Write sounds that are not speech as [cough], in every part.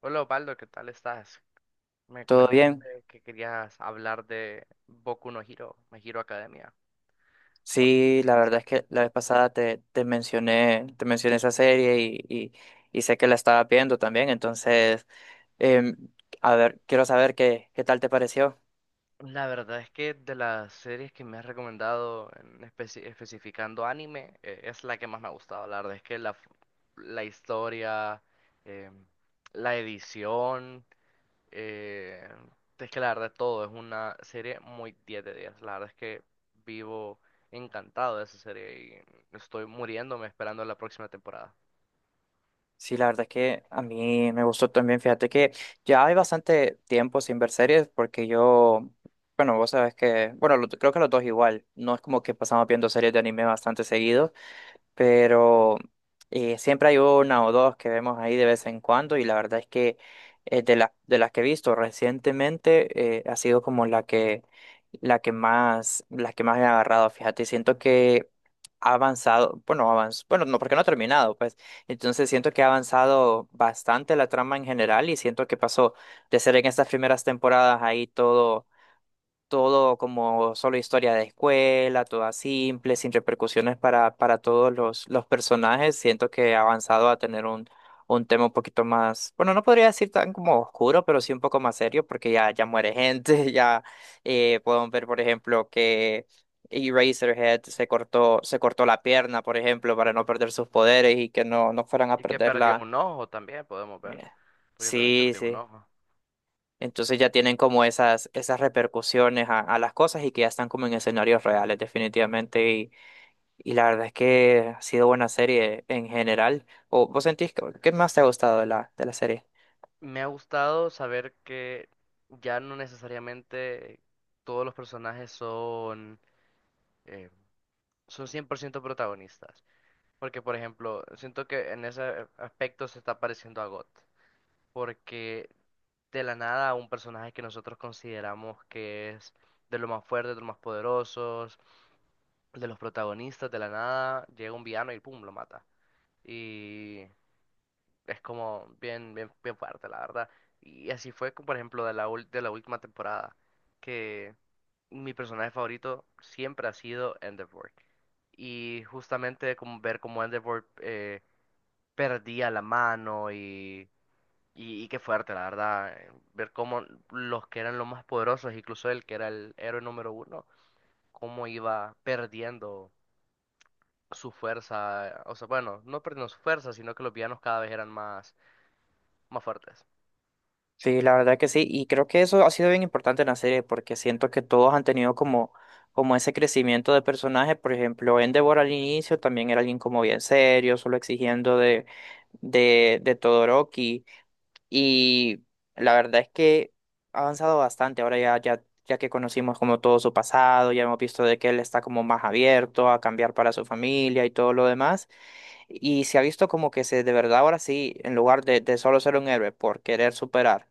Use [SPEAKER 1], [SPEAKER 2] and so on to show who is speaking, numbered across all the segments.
[SPEAKER 1] Hola Osvaldo, ¿qué tal estás? Me
[SPEAKER 2] ¿Todo bien?
[SPEAKER 1] comentaste que querías hablar de Boku no Hero, My Hero Academia. ¿Cómo te
[SPEAKER 2] Sí,
[SPEAKER 1] gustaría
[SPEAKER 2] la verdad
[SPEAKER 1] iniciar?
[SPEAKER 2] es que la vez pasada te mencioné, te mencioné esa serie y sé que la estaba viendo también, entonces, em, a ver, quiero saber qué tal te pareció.
[SPEAKER 1] La verdad es que de las series que me has recomendado, especificando anime, es la que más me ha gustado. La verdad es que la historia, eh, la edición, eh, es que la verdad todo es una serie muy 10 de 10. La verdad es que vivo encantado de esa serie y estoy muriéndome esperando la próxima temporada.
[SPEAKER 2] Sí, la verdad es que a mí me gustó también, fíjate que ya hay bastante tiempo sin ver series porque yo, bueno, vos sabes que, bueno, creo que los dos igual, no es como que pasamos viendo series de anime bastante seguido. Pero siempre hay una o dos que vemos ahí de vez en cuando y la verdad es que de las que he visto recientemente ha sido como la que la que más me ha agarrado, fíjate, siento que ha avanzado, bueno, bueno, no porque no ha terminado, pues. Entonces siento que ha avanzado bastante la trama en general y siento que pasó de ser en estas primeras temporadas ahí todo todo como solo historia de escuela, toda simple, sin repercusiones para todos los personajes. Siento que ha avanzado a tener un tema un poquito más, bueno, no podría decir tan como oscuro, pero sí un poco más serio, porque ya muere gente, [laughs] ya podemos ver, por ejemplo, que Eraserhead se cortó la pierna, por ejemplo, para no perder sus poderes y que no fueran a
[SPEAKER 1] Y que perdió
[SPEAKER 2] perderla.
[SPEAKER 1] un ojo también, podemos
[SPEAKER 2] Eh,
[SPEAKER 1] ver, porque también
[SPEAKER 2] Sí,
[SPEAKER 1] perdió un
[SPEAKER 2] sí.
[SPEAKER 1] ojo.
[SPEAKER 2] Entonces ya tienen como esas repercusiones a las cosas y que ya están como en escenarios reales definitivamente. Y la verdad es que ha sido buena serie en general. ¿O vos sentís que, qué más te ha gustado de de la serie?
[SPEAKER 1] Me ha gustado saber que ya no necesariamente todos los personajes son, eh, son 100% protagonistas, porque por ejemplo, siento que en ese aspecto se está pareciendo a GOT, porque de la nada un personaje que nosotros consideramos que es de los más fuertes, de los más poderosos, de los protagonistas, de la nada llega un villano y pum, lo mata. Y es como bien, bien, bien fuerte, la verdad. Y así fue, como, por ejemplo, de la última temporada, que mi personaje favorito siempre ha sido Endeavor. Y justamente como ver cómo Endeavor perdía la mano y qué fuerte, la verdad. Ver cómo los que eran los más poderosos, incluso él que era el héroe número 1, cómo iba perdiendo su fuerza. O sea, bueno, no perdiendo su fuerza, sino que los villanos cada vez eran más, más fuertes.
[SPEAKER 2] Sí, la verdad que sí. Y creo que eso ha sido bien importante en la serie porque siento que todos han tenido como ese crecimiento de personaje. Por ejemplo, Endeavor al inicio también era alguien como bien serio, solo exigiendo de Todoroki. Y la verdad es que ha avanzado bastante. Ahora ya que conocimos como todo su pasado, ya hemos visto de que él está como más abierto a cambiar para su familia y todo lo demás. Y se ha visto como que se, de verdad ahora sí, en lugar de solo ser un héroe por querer superar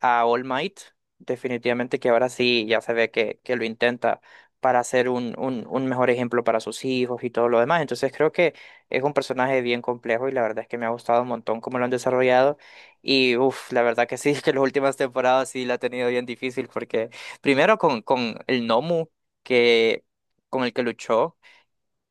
[SPEAKER 2] a All Might, definitivamente que ahora sí ya se ve que lo intenta para ser un mejor ejemplo para sus hijos y todo lo demás. Entonces creo que es un personaje bien complejo y la verdad es que me ha gustado un montón cómo lo han desarrollado. Y uff, la verdad que sí, [laughs] que las últimas temporadas sí la ha tenido bien difícil porque primero con el Nomu que, con el que luchó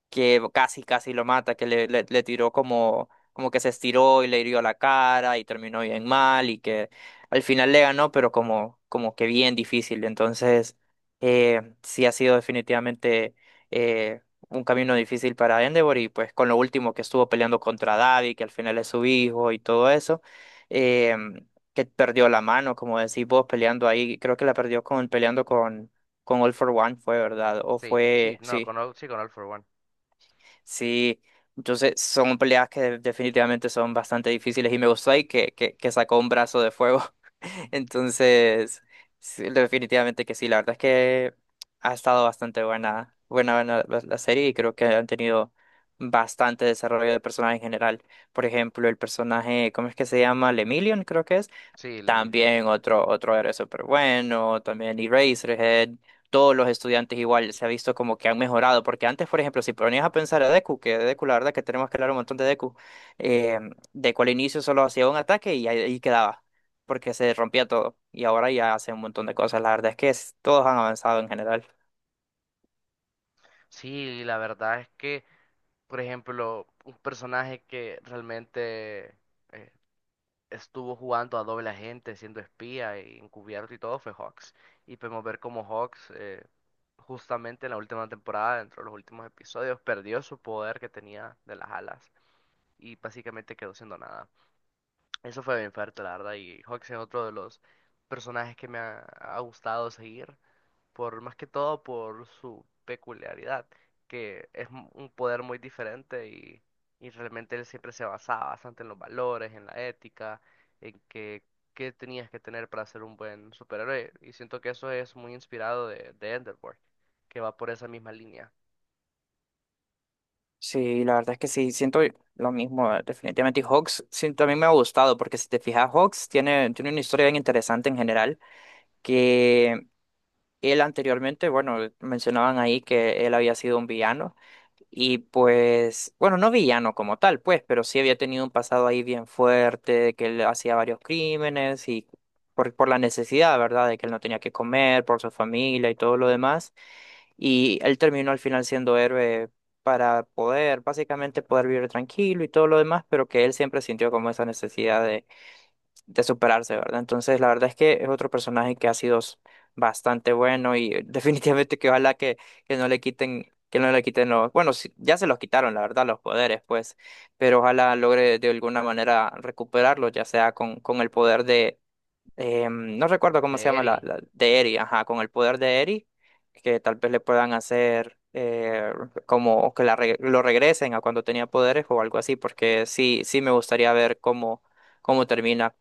[SPEAKER 2] que casi lo mata, que le tiró como, como que se estiró y le hirió la cara y terminó bien mal y que al final le ganó, pero como, como que bien difícil. Entonces, sí ha sido definitivamente eh, un camino difícil para Endeavor y pues con lo último que estuvo peleando contra Davi, que al final es su hijo y todo eso, eh, que perdió la mano, como decís vos, peleando ahí, creo que la perdió con, peleando con... Con All for One fue, ¿verdad? O
[SPEAKER 1] Sí, sí,
[SPEAKER 2] fue,
[SPEAKER 1] no,
[SPEAKER 2] sí,
[SPEAKER 1] con All, sí, con All for One.
[SPEAKER 2] sí, entonces son peleas que definitivamente son bastante difíciles y me gustó ahí que sacó un brazo de fuego. [laughs] Entonces, sí, definitivamente que sí, la verdad es que ha estado bastante buena, buena, buena la serie y creo que han tenido bastante desarrollo de personaje en general. Por ejemplo, el personaje, ¿cómo es que se llama? Lemillion, creo que es.
[SPEAKER 1] Sí, el Emilio.
[SPEAKER 2] También otro, otro era súper bueno, también Eraserhead, todos los estudiantes igual se ha visto como que han mejorado, porque antes, por ejemplo, si ponías a pensar a Deku, que Deku, la verdad que tenemos que hablar un montón de Deku, eh, Deku al inicio solo hacía un ataque y ahí, ahí quedaba, porque se rompía todo, y ahora ya hace un montón de cosas, la verdad es que todos han avanzado en general.
[SPEAKER 1] Sí, la verdad es que, por ejemplo, un personaje que realmente eh, estuvo jugando a doble agente, siendo espía y encubierto y todo, fue Hawks. Y podemos ver cómo Hawks, justamente en la última temporada, dentro de los últimos episodios, perdió su poder que tenía de las alas y básicamente quedó siendo nada. Eso fue bien fuerte, la verdad. Y Hawks es otro de los personajes que me ha gustado seguir por más que todo por su peculiaridad, que es un poder muy diferente y realmente él siempre se basaba bastante en los valores, en la ética, en que qué tenías que tener para ser un buen superhéroe. Y siento que eso es muy inspirado de Enderborn, que va por esa misma línea.
[SPEAKER 2] Sí, la verdad es que sí, siento lo mismo, definitivamente. Y Hawks sí, también me ha gustado, porque si te fijas, Hawks tiene una historia bien interesante en general, que él anteriormente, bueno, mencionaban ahí que él había sido un villano y pues, bueno, no villano como tal, pues, pero sí había tenido un pasado ahí bien fuerte, de que él hacía varios crímenes y por la necesidad, ¿verdad? De que él no tenía que comer, por su familia y todo lo demás. Y él terminó al final siendo héroe para poder, básicamente, poder vivir tranquilo y todo lo demás, pero que él siempre sintió como esa necesidad de superarse, ¿verdad? Entonces, la verdad es que es otro personaje que ha sido bastante bueno y [laughs] definitivamente que ojalá que no le quiten, que no le quiten los, bueno, sí, ya se los quitaron, la verdad, los poderes, pues, pero ojalá logre de alguna manera recuperarlos, ya sea con el poder de, no recuerdo
[SPEAKER 1] De
[SPEAKER 2] cómo se llama
[SPEAKER 1] Eri.
[SPEAKER 2] de Eri, ajá, con el poder de Eri, que tal vez le puedan hacer... como que lo regresen a cuando tenía poderes o algo así, porque sí, sí me gustaría ver cómo, cómo termina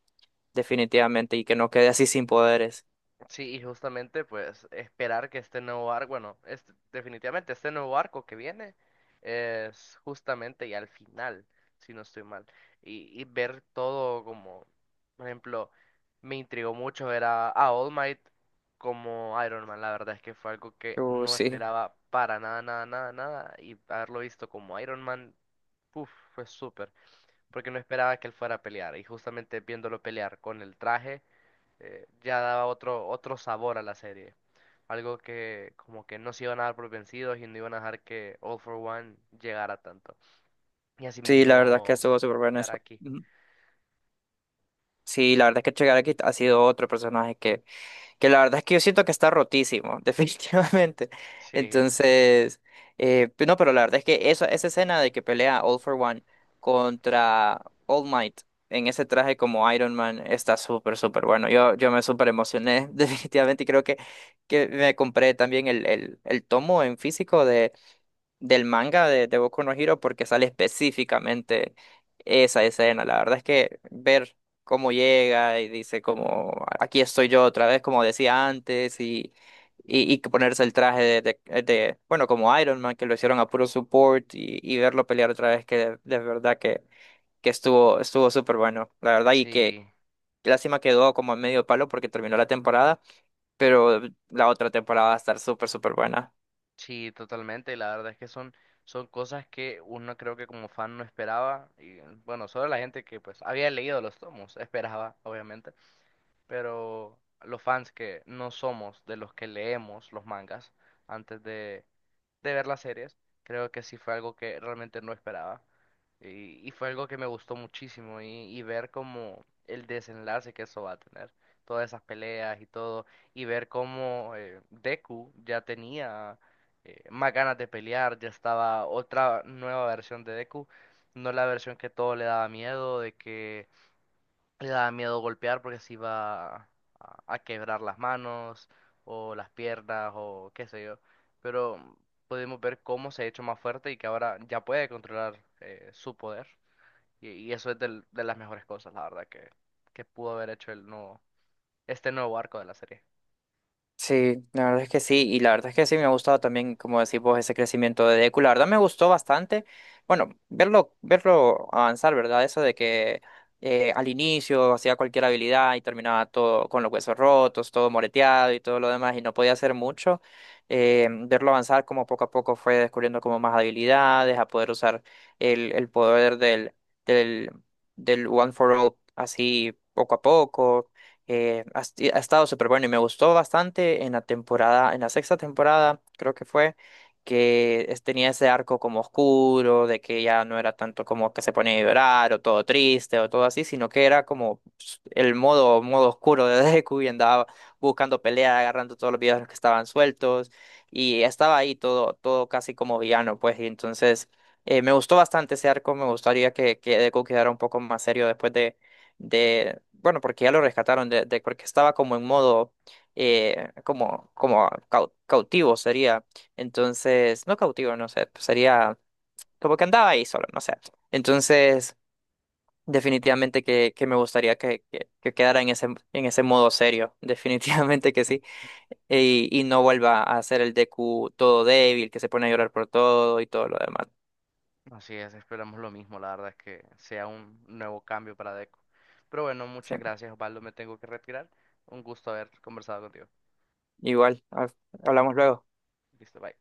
[SPEAKER 2] definitivamente, y que no quede así sin poderes.
[SPEAKER 1] Sí, y justamente pues esperar que este nuevo arco, definitivamente este nuevo arco que viene es justamente ya al final, si no estoy mal. Y ver todo como, por ejemplo, me intrigó mucho ver a All Might como Iron Man. La verdad es que fue algo que no
[SPEAKER 2] Sí,
[SPEAKER 1] esperaba para nada, nada, nada, nada. Y haberlo visto como Iron Man, uf, fue súper. Porque no esperaba que él fuera a pelear. Y justamente viéndolo pelear con el traje ya daba otro, otro sabor a la serie. Algo que como que no se iban a dar por vencidos y no iban a dejar que All for One llegara tanto. Y
[SPEAKER 2] sí, la verdad es que
[SPEAKER 1] asimismo
[SPEAKER 2] estuvo súper bueno
[SPEAKER 1] llegar
[SPEAKER 2] eso.
[SPEAKER 1] aquí.
[SPEAKER 2] Ujú. Sí, la verdad es que Chegaraki ha sido otro personaje que la verdad es que yo siento que está rotísimo, [laughs] definitivamente.
[SPEAKER 1] Sí,
[SPEAKER 2] Entonces, no, pero la verdad es que eso, esa escena de que pelea All for One contra All Might en ese traje como Iron Man está súper, súper bueno. Yo me súper emocioné, [laughs] definitivamente, y creo que me compré también el tomo en físico del manga de Boku no Hero porque sale específicamente esa escena. La verdad es que ver cómo llega y dice como aquí estoy yo otra vez, como decía antes, y que ponerse el traje de, bueno, como Iron Man, que lo hicieron a puro support y verlo pelear otra vez, que de verdad que estuvo estuvo súper bueno, la verdad, y que
[SPEAKER 1] sí,
[SPEAKER 2] lástima quedó como en medio palo porque terminó la temporada, pero la otra temporada va a estar súper, súper buena.
[SPEAKER 1] sí, totalmente. La verdad es que son, son cosas que uno creo que como fan no esperaba. Y bueno, solo la gente que pues había leído los tomos esperaba, obviamente. Pero los fans que no somos de los que leemos los mangas antes de ver las series, creo que sí fue algo que realmente no esperaba. Y fue algo que me gustó muchísimo y ver como el desenlace que eso va a tener, todas esas peleas y todo, y ver cómo Deku ya tenía más ganas de pelear, ya estaba otra nueva versión de Deku, no la versión que todo le daba miedo, de que le daba miedo golpear porque se iba a quebrar las manos o las piernas o qué sé yo. Pero pudimos ver cómo se ha hecho más fuerte y que ahora ya puede controlar su poder. Y eso es de las mejores cosas, la verdad, que pudo haber hecho este nuevo arco de la serie.
[SPEAKER 2] Sí, la verdad es que sí, y la verdad es que sí me ha gustado también, como decís vos, ese crecimiento de Deku. La verdad me gustó bastante, bueno, verlo avanzar, ¿verdad? Eso de que al inicio hacía cualquier habilidad y terminaba todo con los huesos rotos, todo moreteado y todo lo demás, y no podía hacer mucho. Verlo avanzar como poco a poco fue descubriendo como más habilidades, a poder usar el poder del, del One for All así poco a poco ha estado súper bueno y me gustó bastante en la temporada, en la sexta temporada, creo que fue, que tenía ese arco como oscuro, de que ya no era tanto como que se ponía a llorar o todo triste o todo así, sino que era como pues, el modo, modo oscuro de [laughs] Deku y andaba buscando pelea, agarrando todos los villanos que estaban sueltos y estaba ahí todo, todo casi como villano, pues, y entonces me gustó bastante ese arco, me gustaría que Deku quedara un poco más serio después de bueno, porque ya lo rescataron, porque estaba como en modo, como, como cautivo sería. Entonces, no cautivo, no sé, pues sería como que andaba ahí solo, no sé. Entonces, definitivamente que me gustaría que quedara en ese modo serio, [laughs] definitivamente que sí. Y no vuelva a ser el DQ todo débil, que se pone a llorar por todo y todo lo demás.
[SPEAKER 1] Así es, esperamos lo mismo, la verdad es que sea un nuevo cambio para Deco. Pero bueno,
[SPEAKER 2] Sí.
[SPEAKER 1] muchas gracias, Osvaldo, me tengo que retirar. Un gusto haber conversado contigo.
[SPEAKER 2] Igual, hablamos luego.
[SPEAKER 1] Listo, bye.